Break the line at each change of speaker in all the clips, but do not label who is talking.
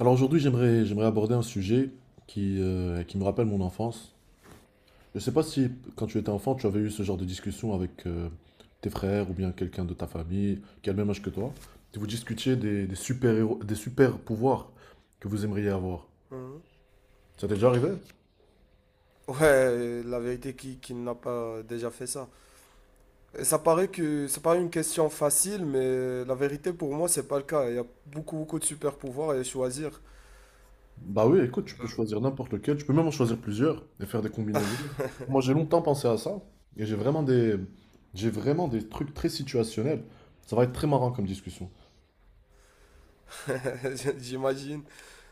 Alors aujourd'hui, j'aimerais aborder un sujet qui me rappelle mon enfance. Je ne sais pas si quand tu étais enfant, tu avais eu ce genre de discussion avec tes frères ou bien quelqu'un de ta famille qui a le même âge que toi. Et vous discutiez des super-héros, des super-pouvoirs que vous aimeriez avoir.
Mhm.
Ça t'est déjà arrivé?
Ouais, la vérité, qui n'a pas déjà fait ça? Et ça paraît une question facile, mais la vérité pour moi, c'est pas le cas. Il y a beaucoup, beaucoup de super pouvoirs à choisir.
Bah oui, écoute, tu peux choisir n'importe lequel, tu peux même en choisir plusieurs et faire des combinaisons. Moi, j'ai longtemps pensé à ça et j'ai vraiment des trucs très situationnels. Ça va être très marrant comme discussion.
J'imagine.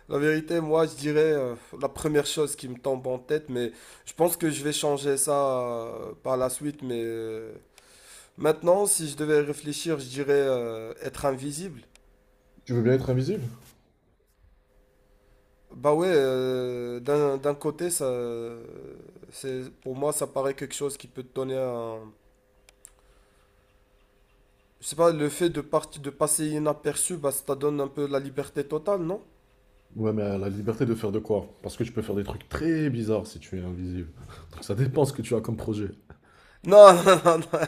La vérité, moi, je dirais la première chose qui me tombe en tête, mais je pense que je vais changer ça par la suite. Mais maintenant, si je devais réfléchir, je dirais être invisible.
Tu veux bien être invisible?
Bah ouais, d'un côté, ça, c'est, pour moi, ça paraît quelque chose qui peut te donner un... Je sais pas, le fait de, de passer inaperçu, bah, ça te donne un peu la liberté totale, non?
Ouais, mais la liberté de faire de quoi? Parce que tu peux faire des trucs très bizarres si tu es invisible. Donc ça dépend ce que tu as comme projet.
Non, non, non, non,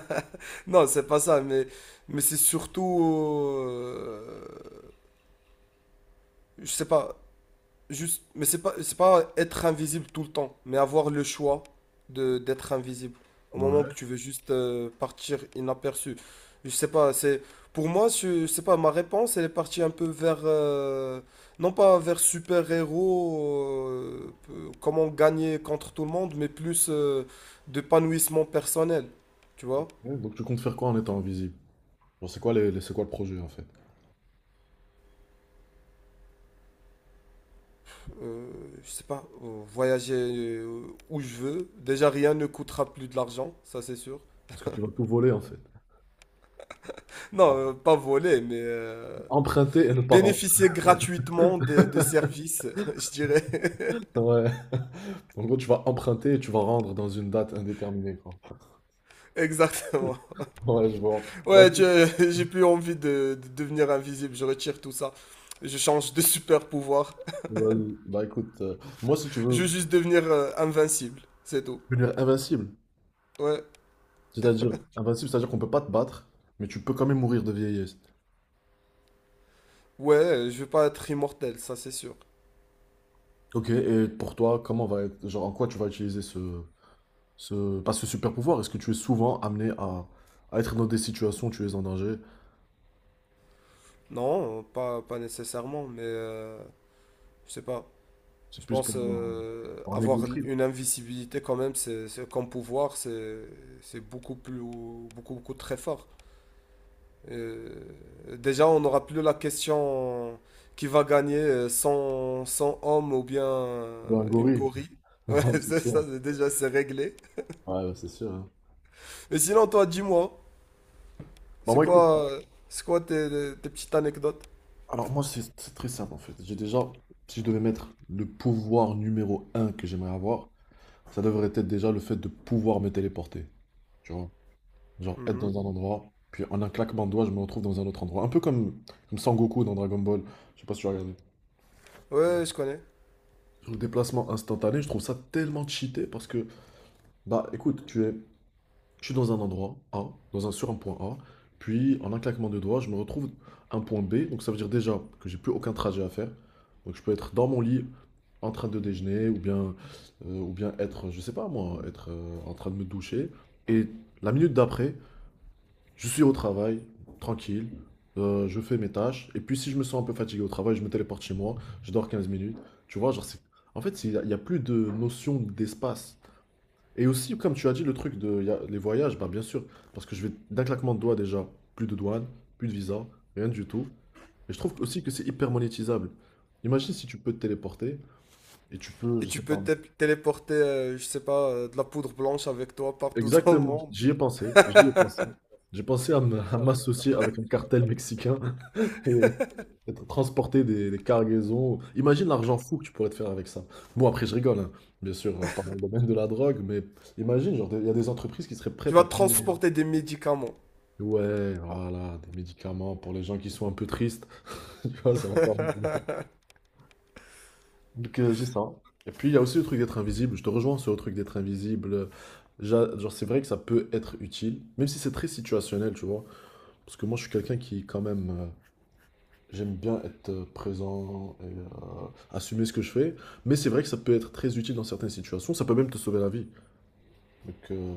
non, c'est pas ça, mais c'est surtout... euh, je sais pas, juste, mais c'est pas être invisible tout le temps, mais avoir le choix de d'être invisible au moment que
Ouais.
tu veux juste partir inaperçu. Je sais pas, c'est pour moi, je sais pas, ma réponse elle est partie un peu vers non pas vers super-héros, comment gagner contre tout le monde, mais plus d'épanouissement personnel. Tu vois.
Ouais, donc tu comptes faire quoi en étant invisible? Genre, c'est quoi c'est quoi le projet en fait?
Euh, je sais pas, voyager où je veux. Déjà, rien ne coûtera plus de l'argent, ça c'est sûr.
Parce que tu vas tout voler en fait.
Non, pas voler, mais
Emprunter et ne pas rendre.
bénéficier gratuitement de services, je dirais.
Ouais. En gros, tu vas emprunter et tu vas rendre dans une date indéterminée, quoi.
Exactement.
Ouais, je vois. Bah
Ouais,
écoute,
j'ai plus envie de devenir invisible. Je retire tout ça. Je change de super pouvoir.
vas-y. Bah écoute, moi si tu
Je
veux
veux juste devenir invincible. C'est tout.
devenir
Ouais.
invincible, c'est-à-dire qu'on peut pas te battre, mais tu peux quand même mourir de vieillesse.
Ouais, je veux pas être immortel, ça c'est sûr.
Ok, et pour toi, comment va être, genre en quoi tu vas utiliser pas ce super pouvoir? Est-ce que tu es souvent amené à être dans des situations où tu es en danger?
Non, pas nécessairement, mais je sais pas.
C'est
Je
plus
pense
pour un, pour un ego
avoir
trip,
une invisibilité quand même, comme pouvoir, c'est beaucoup plus, beaucoup, beaucoup très fort. Déjà, on n'aura plus la question qui va gagner 100 100 hommes ou bien
pour un
une
gorille.
gorille.
Ouais,
Ouais,
c'est
c'est ça,
sûr.
déjà, c'est réglé.
Ouais, ouais, c'est sûr, hein.
Mais sinon, toi, dis-moi,
Bah,
c'est
moi, écoute,
quoi, euh, c'est quoi tes petites anecdotes?
alors moi, c'est très simple en fait. J'ai déjà, si je devais mettre le pouvoir numéro un que j'aimerais avoir, ça devrait être déjà le fait de pouvoir me téléporter. Tu vois? Genre être
Mhm.
dans un endroit, puis en un claquement de doigts, je me retrouve dans un autre endroit. Un peu comme Sangoku dans Dragon Ball. Je sais pas si tu as regardé.
Ouais, je connais.
Sur le déplacement instantané, je trouve ça tellement cheaté parce que Bah écoute, tu es, je suis dans un endroit A, sur un point A, puis en un claquement de doigts, je me retrouve à un point B, donc ça veut dire déjà que j'ai plus aucun trajet à faire. Donc je peux être dans mon lit en train de déjeuner, ou bien être, je sais pas moi, être en train de me doucher. Et la minute d'après, je suis au travail, tranquille, je fais mes tâches, et puis si je me sens un peu fatigué au travail, je me téléporte chez moi, je dors 15 minutes. Tu vois, genre c'est... En fait, il y a plus de notion d'espace. Et aussi, comme tu as dit, le truc de les voyages, bah bien sûr, parce que je vais d'un claquement de doigts déjà, plus de douane, plus de visa, rien du tout. Et je trouve aussi que c'est hyper monétisable. Imagine si tu peux te téléporter et tu peux,
Et
je
tu
sais pas.
peux téléporter, je sais pas, de la poudre blanche avec toi partout dans le
Exactement,
monde.
j'y ai pensé, j'y ai pensé. J'ai pensé à à m'associer avec un cartel mexicain et être transporter des cargaisons. Imagine l'argent fou que tu pourrais te faire avec ça. Bon, après, je rigole, hein. Bien sûr, pas dans le domaine de la drogue, mais imagine, genre, il y a des entreprises qui seraient
Tu
prêtes
vas
à payer.
transporter des médicaments.
Ouais, voilà, des médicaments pour les gens qui sont un peu tristes. Tu vois, ça va pas régler. Donc, j'ai ça. Et puis, il y a aussi le truc d'être invisible. Je te rejoins sur le truc d'être invisible. Genre, c'est vrai que ça peut être utile, même si c'est très situationnel, tu vois. Parce que moi, je suis quelqu'un qui, quand même, j'aime bien être présent et assumer ce que je fais. Mais c'est vrai que ça peut être très utile dans certaines situations. Ça peut même te sauver la vie. Donc, euh,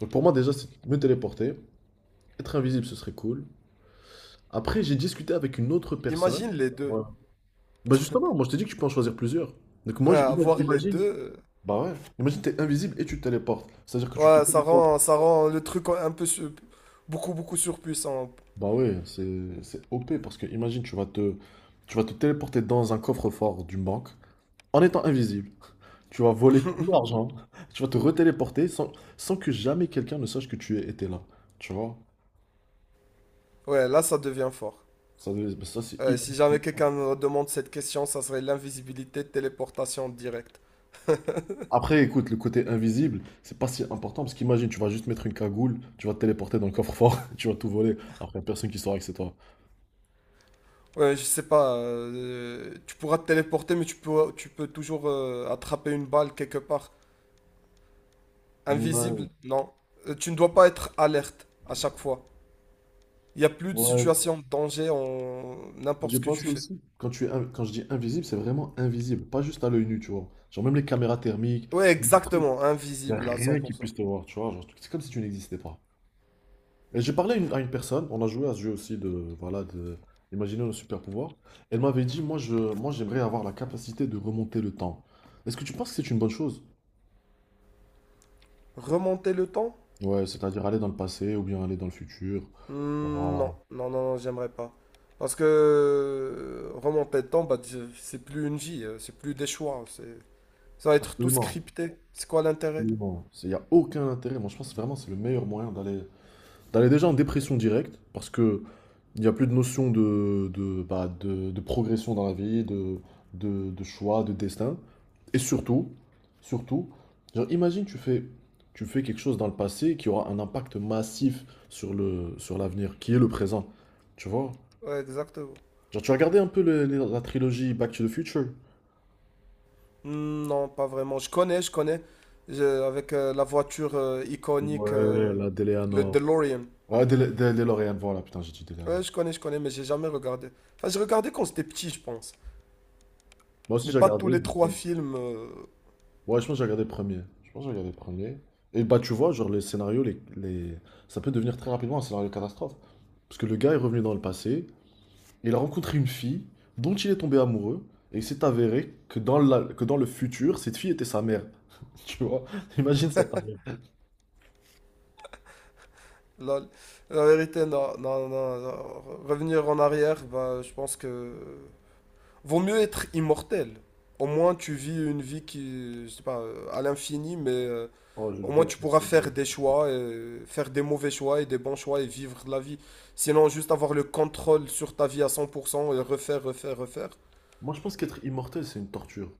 donc pour moi, déjà, c'est me téléporter. Être invisible, ce serait cool. Après, j'ai discuté avec une autre
Imagine
personne.
les deux.
Ouais. Bah justement, moi je t'ai dit que tu peux en choisir plusieurs. Donc moi,
Ouais, avoir les
imagine.
deux.
Bah ouais, imagine t'es invisible et tu te téléportes. C'est-à-dire que tu te
Ouais, ça
téléportes.
rend, ça rend le truc un peu beaucoup, beaucoup surpuissant.
Bah ouais, c'est OP parce que imagine tu vas te téléporter dans un coffre-fort d'une banque en étant invisible. Tu vas voler tout l'argent. Tu vas te retéléporter sans que jamais quelqu'un ne sache que étais là. Tu vois?
Ouais, là, ça devient fort.
Ça c'est hyper
Si jamais
puissant.
quelqu'un me demande cette question, ça serait l'invisibilité, téléportation directe.
Après, écoute, le côté invisible, c'est pas si important parce qu'imagine, tu vas juste mettre une cagoule, tu vas te téléporter dans le coffre-fort, tu vas tout voler. Après, y a personne qui saura que c'est toi.
Ouais, je sais pas. Tu pourras te téléporter, mais tu peux toujours attraper une balle quelque part. Invisible,
Ouais,
non. Tu ne dois pas être alerte à chaque fois. Il n'y a plus de
ouais.
situation de danger en n'importe
J'ai
ce que tu
pensé
fais.
aussi. Quand tu es, in- Quand je dis invisible, c'est vraiment invisible, pas juste à l'œil nu, tu vois. Genre même les caméras thermiques,
Ouais,
les trucs,
exactement,
y a
invisible à
rien qui
100%.
puisse te voir, tu vois. Genre, c'est comme si tu n'existais pas. Et j'ai parlé à une personne, on a joué à ce jeu aussi voilà, de, imaginer nos super pouvoirs. Elle m'avait dit, moi j'aimerais avoir la capacité de remonter le temps. Est-ce que tu penses que c'est une bonne chose?
Remonter le temps?
Ouais, c'est-à-dire aller dans le passé ou bien aller dans le futur.
Hmm, non,
Voilà.
non, non, non, j'aimerais pas. Parce que remonter le temps, bah, c'est plus une vie, c'est plus des choix, c'est ça va être tout
Absolument,
scripté. C'est quoi l'intérêt?
absolument. Il n'y a aucun intérêt. Moi, je pense vraiment que c'est le meilleur moyen d'aller T'allais déjà en dépression directe, parce que il n'y a plus de notion de progression dans la vie, de choix, de destin. Et surtout, surtout, genre, imagine tu fais quelque chose dans le passé qui aura un impact massif sur l'avenir, qui est le présent. Tu vois?
Ouais, exactement.
Genre, tu as regardé un peu la trilogie Back to the Future?
Hmm, non, pas vraiment. Je connais, je connais. Avec la voiture iconique,
Ouais, la
le
DeLeanor.
DeLorean.
Ouais, DeLorean, voilà, putain, j'ai dit
Ouais,
DeLeanor.
je connais, mais j'ai jamais regardé. Enfin, j'ai regardé quand j'étais petit, je pense.
Moi aussi,
Mais
j'ai
pas tous
regardé, je
les
me suis
trois films.
Ouais, je pense que j'ai regardé le premier. Je pense que j'ai regardé le premier. Et bah, tu vois, genre, les scénarios. Ça peut devenir très rapidement un scénario catastrophe. Parce que le gars est revenu dans le passé, et il a rencontré une fille dont il est tombé amoureux, et il s'est avéré que que dans le futur, cette fille était sa mère. Tu vois? Imagine ça, ta mère.
La, la vérité, non, non, non, non. Revenir en arrière, bah, je pense que vaut mieux être immortel. Au moins, tu vis une vie qui, je sais pas, à l'infini, mais
Oh, je
au
le
moins tu
déteste.
pourras faire des choix, et faire des mauvais choix et des bons choix et vivre la vie. Sinon, juste avoir le contrôle sur ta vie à 100% et refaire, refaire, refaire.
Moi, je pense qu'être immortel, c'est une torture.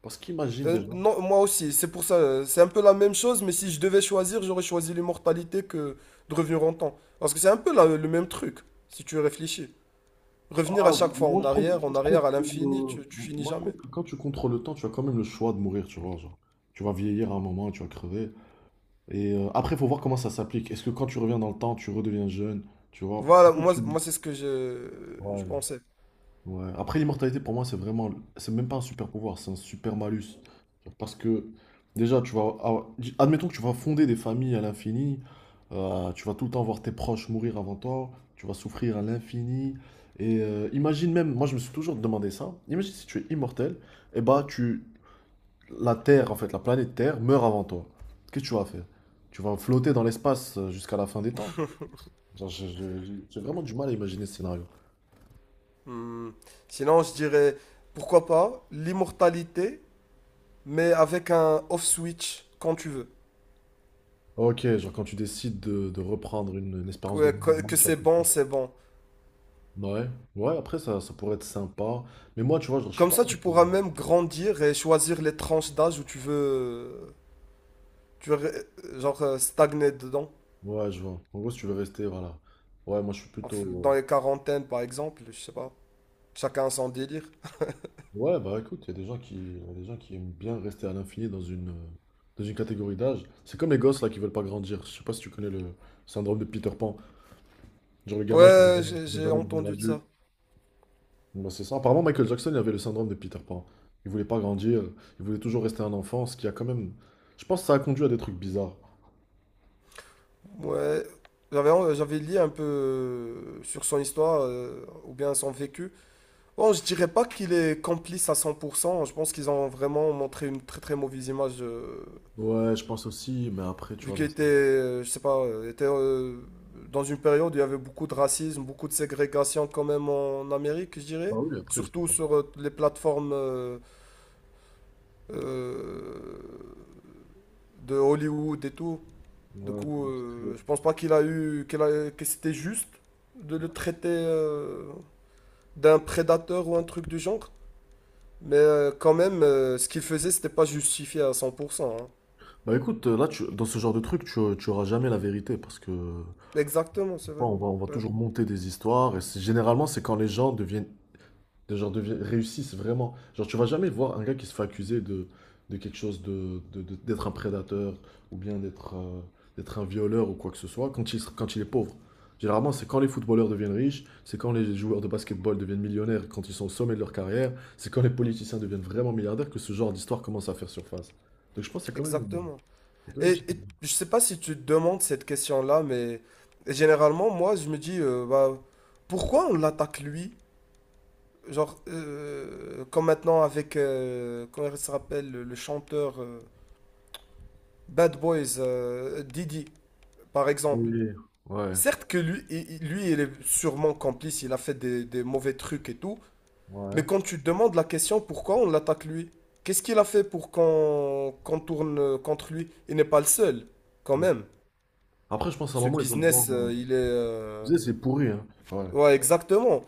Parce qu'imagine déjà.
Non, moi aussi, c'est pour ça, c'est un peu la même chose, mais si je devais choisir, j'aurais choisi l'immortalité que de revenir en temps. Parce que c'est un peu le même truc, si tu réfléchis. Revenir à
Ah,
chaque fois
moi, je trouve, moi,
en
je trouve
arrière, à
que,
l'infini,
euh,
tu finis
je
jamais.
trouve que quand tu contrôles le temps, tu as quand même le choix de mourir, tu vois. Genre, tu vas vieillir à un moment, tu vas crever. Et après, il faut voir comment ça s'applique. Est-ce que quand tu reviens dans le temps, tu redeviens jeune, tu vois?
Voilà, moi,
Effectivement.
moi c'est ce que je
Ouais.
pensais.
Ouais. Après, l'immortalité, pour moi, c'est vraiment... C'est même pas un super pouvoir, c'est un super malus. Parce que, déjà, Admettons que tu vas fonder des familles à l'infini, tu vas tout le temps voir tes proches mourir avant toi, tu vas souffrir à l'infini. Et imagine même, moi je me suis toujours demandé ça, imagine si tu es immortel, et bah la Terre, en fait, la planète Terre meurt avant toi, qu'est-ce que tu vas faire? Tu vas flotter dans l'espace jusqu'à la fin des temps? Genre, j'ai vraiment du mal à imaginer ce scénario.
Hmm. Sinon, je dirais, pourquoi pas l'immortalité, mais avec un off-switch quand tu veux.
Ok, genre quand tu décides de reprendre une espérance de
Ouais,
vie
que
normale,
que
tu vas
c'est bon,
flotter.
c'est bon.
Ouais, ouais, après ça, ça pourrait être sympa. Mais moi, tu vois, genre, je suis
Comme
pas.
ça, tu
avec le-
pourras même grandir et choisir les tranches d'âge où tu veux, genre, stagner dedans.
Ouais, je vois. En gros, si tu veux rester, voilà. Ouais, moi, je suis plutôt.
Dans
euh,
les quarantaines, par exemple, je sais pas. Chacun son délire.
Ouais, bah écoute, il y a des gens qui aiment bien rester à l'infini dans une catégorie d'âge. C'est comme les gosses là qui veulent pas grandir. Je sais pas si tu connais le syndrome de Peter Pan. Genre le gamin qui ne
Ouais, j'ai
veut
j'ai
jamais devenir
entendu de
adulte.
ça.
bah c'est ça. Apparemment, Michael Jackson il avait le syndrome de Peter Pan. Il voulait pas grandir, il voulait toujours rester un enfant, ce qui a quand même... Je pense que ça a conduit à des trucs bizarres.
Ouais, j'avais lu un peu sur son histoire ou bien son vécu. Bon, je dirais pas qu'il est complice à 100%. Je pense qu'ils ont vraiment montré une très très mauvaise image.
Ouais, je pense aussi, mais après, tu
Vu
vois, dans...
qu'il était, dans une période où il y avait beaucoup de racisme, beaucoup de ségrégation quand même en Amérique, je
Bah
dirais.
oui, après,
Surtout
c'est...
sur les plateformes euh, de Hollywood et tout. Du
Ouais, dans
coup,
l'industrie.
je pense pas qu'il a eu, que c'était juste de le traiter d'un prédateur ou un truc du genre. Mais quand même, ce qu'il faisait, c'était pas justifié à 100%, hein.
Bah écoute, là, dans ce genre de truc, tu auras jamais la vérité, parce que...
Exactement,
tu
c'est
vois,
vrai.
on va
Ouais,
toujours monter des histoires, et généralement, c'est quand les gens deviennent Des gens devient- réussissent vraiment. Genre, tu vas jamais voir un gars qui se fait accuser de quelque chose, d'être un prédateur ou bien d'être un violeur ou quoi que ce soit quand il est pauvre. Généralement, c'est quand les footballeurs deviennent riches, c'est quand les joueurs de basketball deviennent millionnaires, quand ils sont au sommet de leur carrière, c'est quand les politiciens deviennent vraiment milliardaires que ce genre d'histoire commence à faire surface. Donc je pense qu'il y quand même,
exactement.
quand même une
Et,
petite...
et je sais pas si tu te demandes cette question-là, mais généralement, moi, je me dis, bah, pourquoi on l'attaque lui? Genre, comme maintenant avec, comment il se rappelle, le chanteur Bad Boys, Didi, par exemple.
Ouais,
Certes que lui, lui, il est sûrement complice, il a fait des mauvais trucs et tout. Mais
ouais.
quand tu te demandes la question pourquoi on l'attaque lui, qu'est-ce qu'il a fait pour qu'on tourne contre lui? Il n'est pas le seul, quand
ouais.
même.
Après, je pense à un
Ce
moment, ils ont
business,
besoin...
il est...
Tu sais, c'est pourri, hein. Ouais.
Ouais, exactement.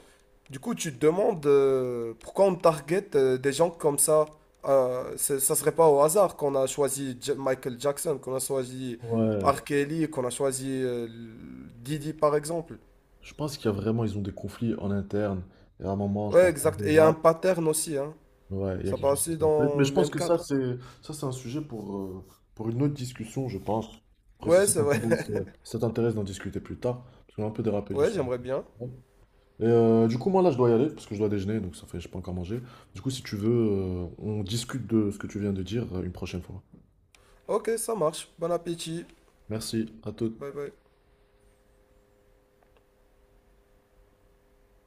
Du coup, tu te demandes pourquoi on target des gens comme ça. Ça serait pas au hasard qu'on a choisi Michael Jackson, qu'on a choisi
Ouais,
R. Kelly, qu'on a choisi Didi, par exemple.
je pense qu'il y a vraiment, ils ont des conflits en interne. Et à un moment, je
Ouais,
pense que
exact. Et il y a un pattern aussi, hein.
ouais, il y a
Ça
quelque chose
passe
qui
aussi
s'appelle. Mais
dans
je
le
pense
même
que
cadre.
ça, c'est un sujet pour une autre discussion, je pense. Après, si
Ouais,
ça
c'est vrai.
t'intéresse, euh, si ça t'intéresse d'en discuter plus tard, parce qu'on a un peu dérapé du
Ouais,
sujet.
j'aimerais bien.
principal. Et du coup, moi là, je dois y aller parce que je dois déjeuner, donc ça fait, je pas encore mangé. Du coup, si tu veux, on discute de ce que tu viens de dire une prochaine fois.
Ok, ça marche. Bon appétit.
Merci, à toutes.
Bye bye.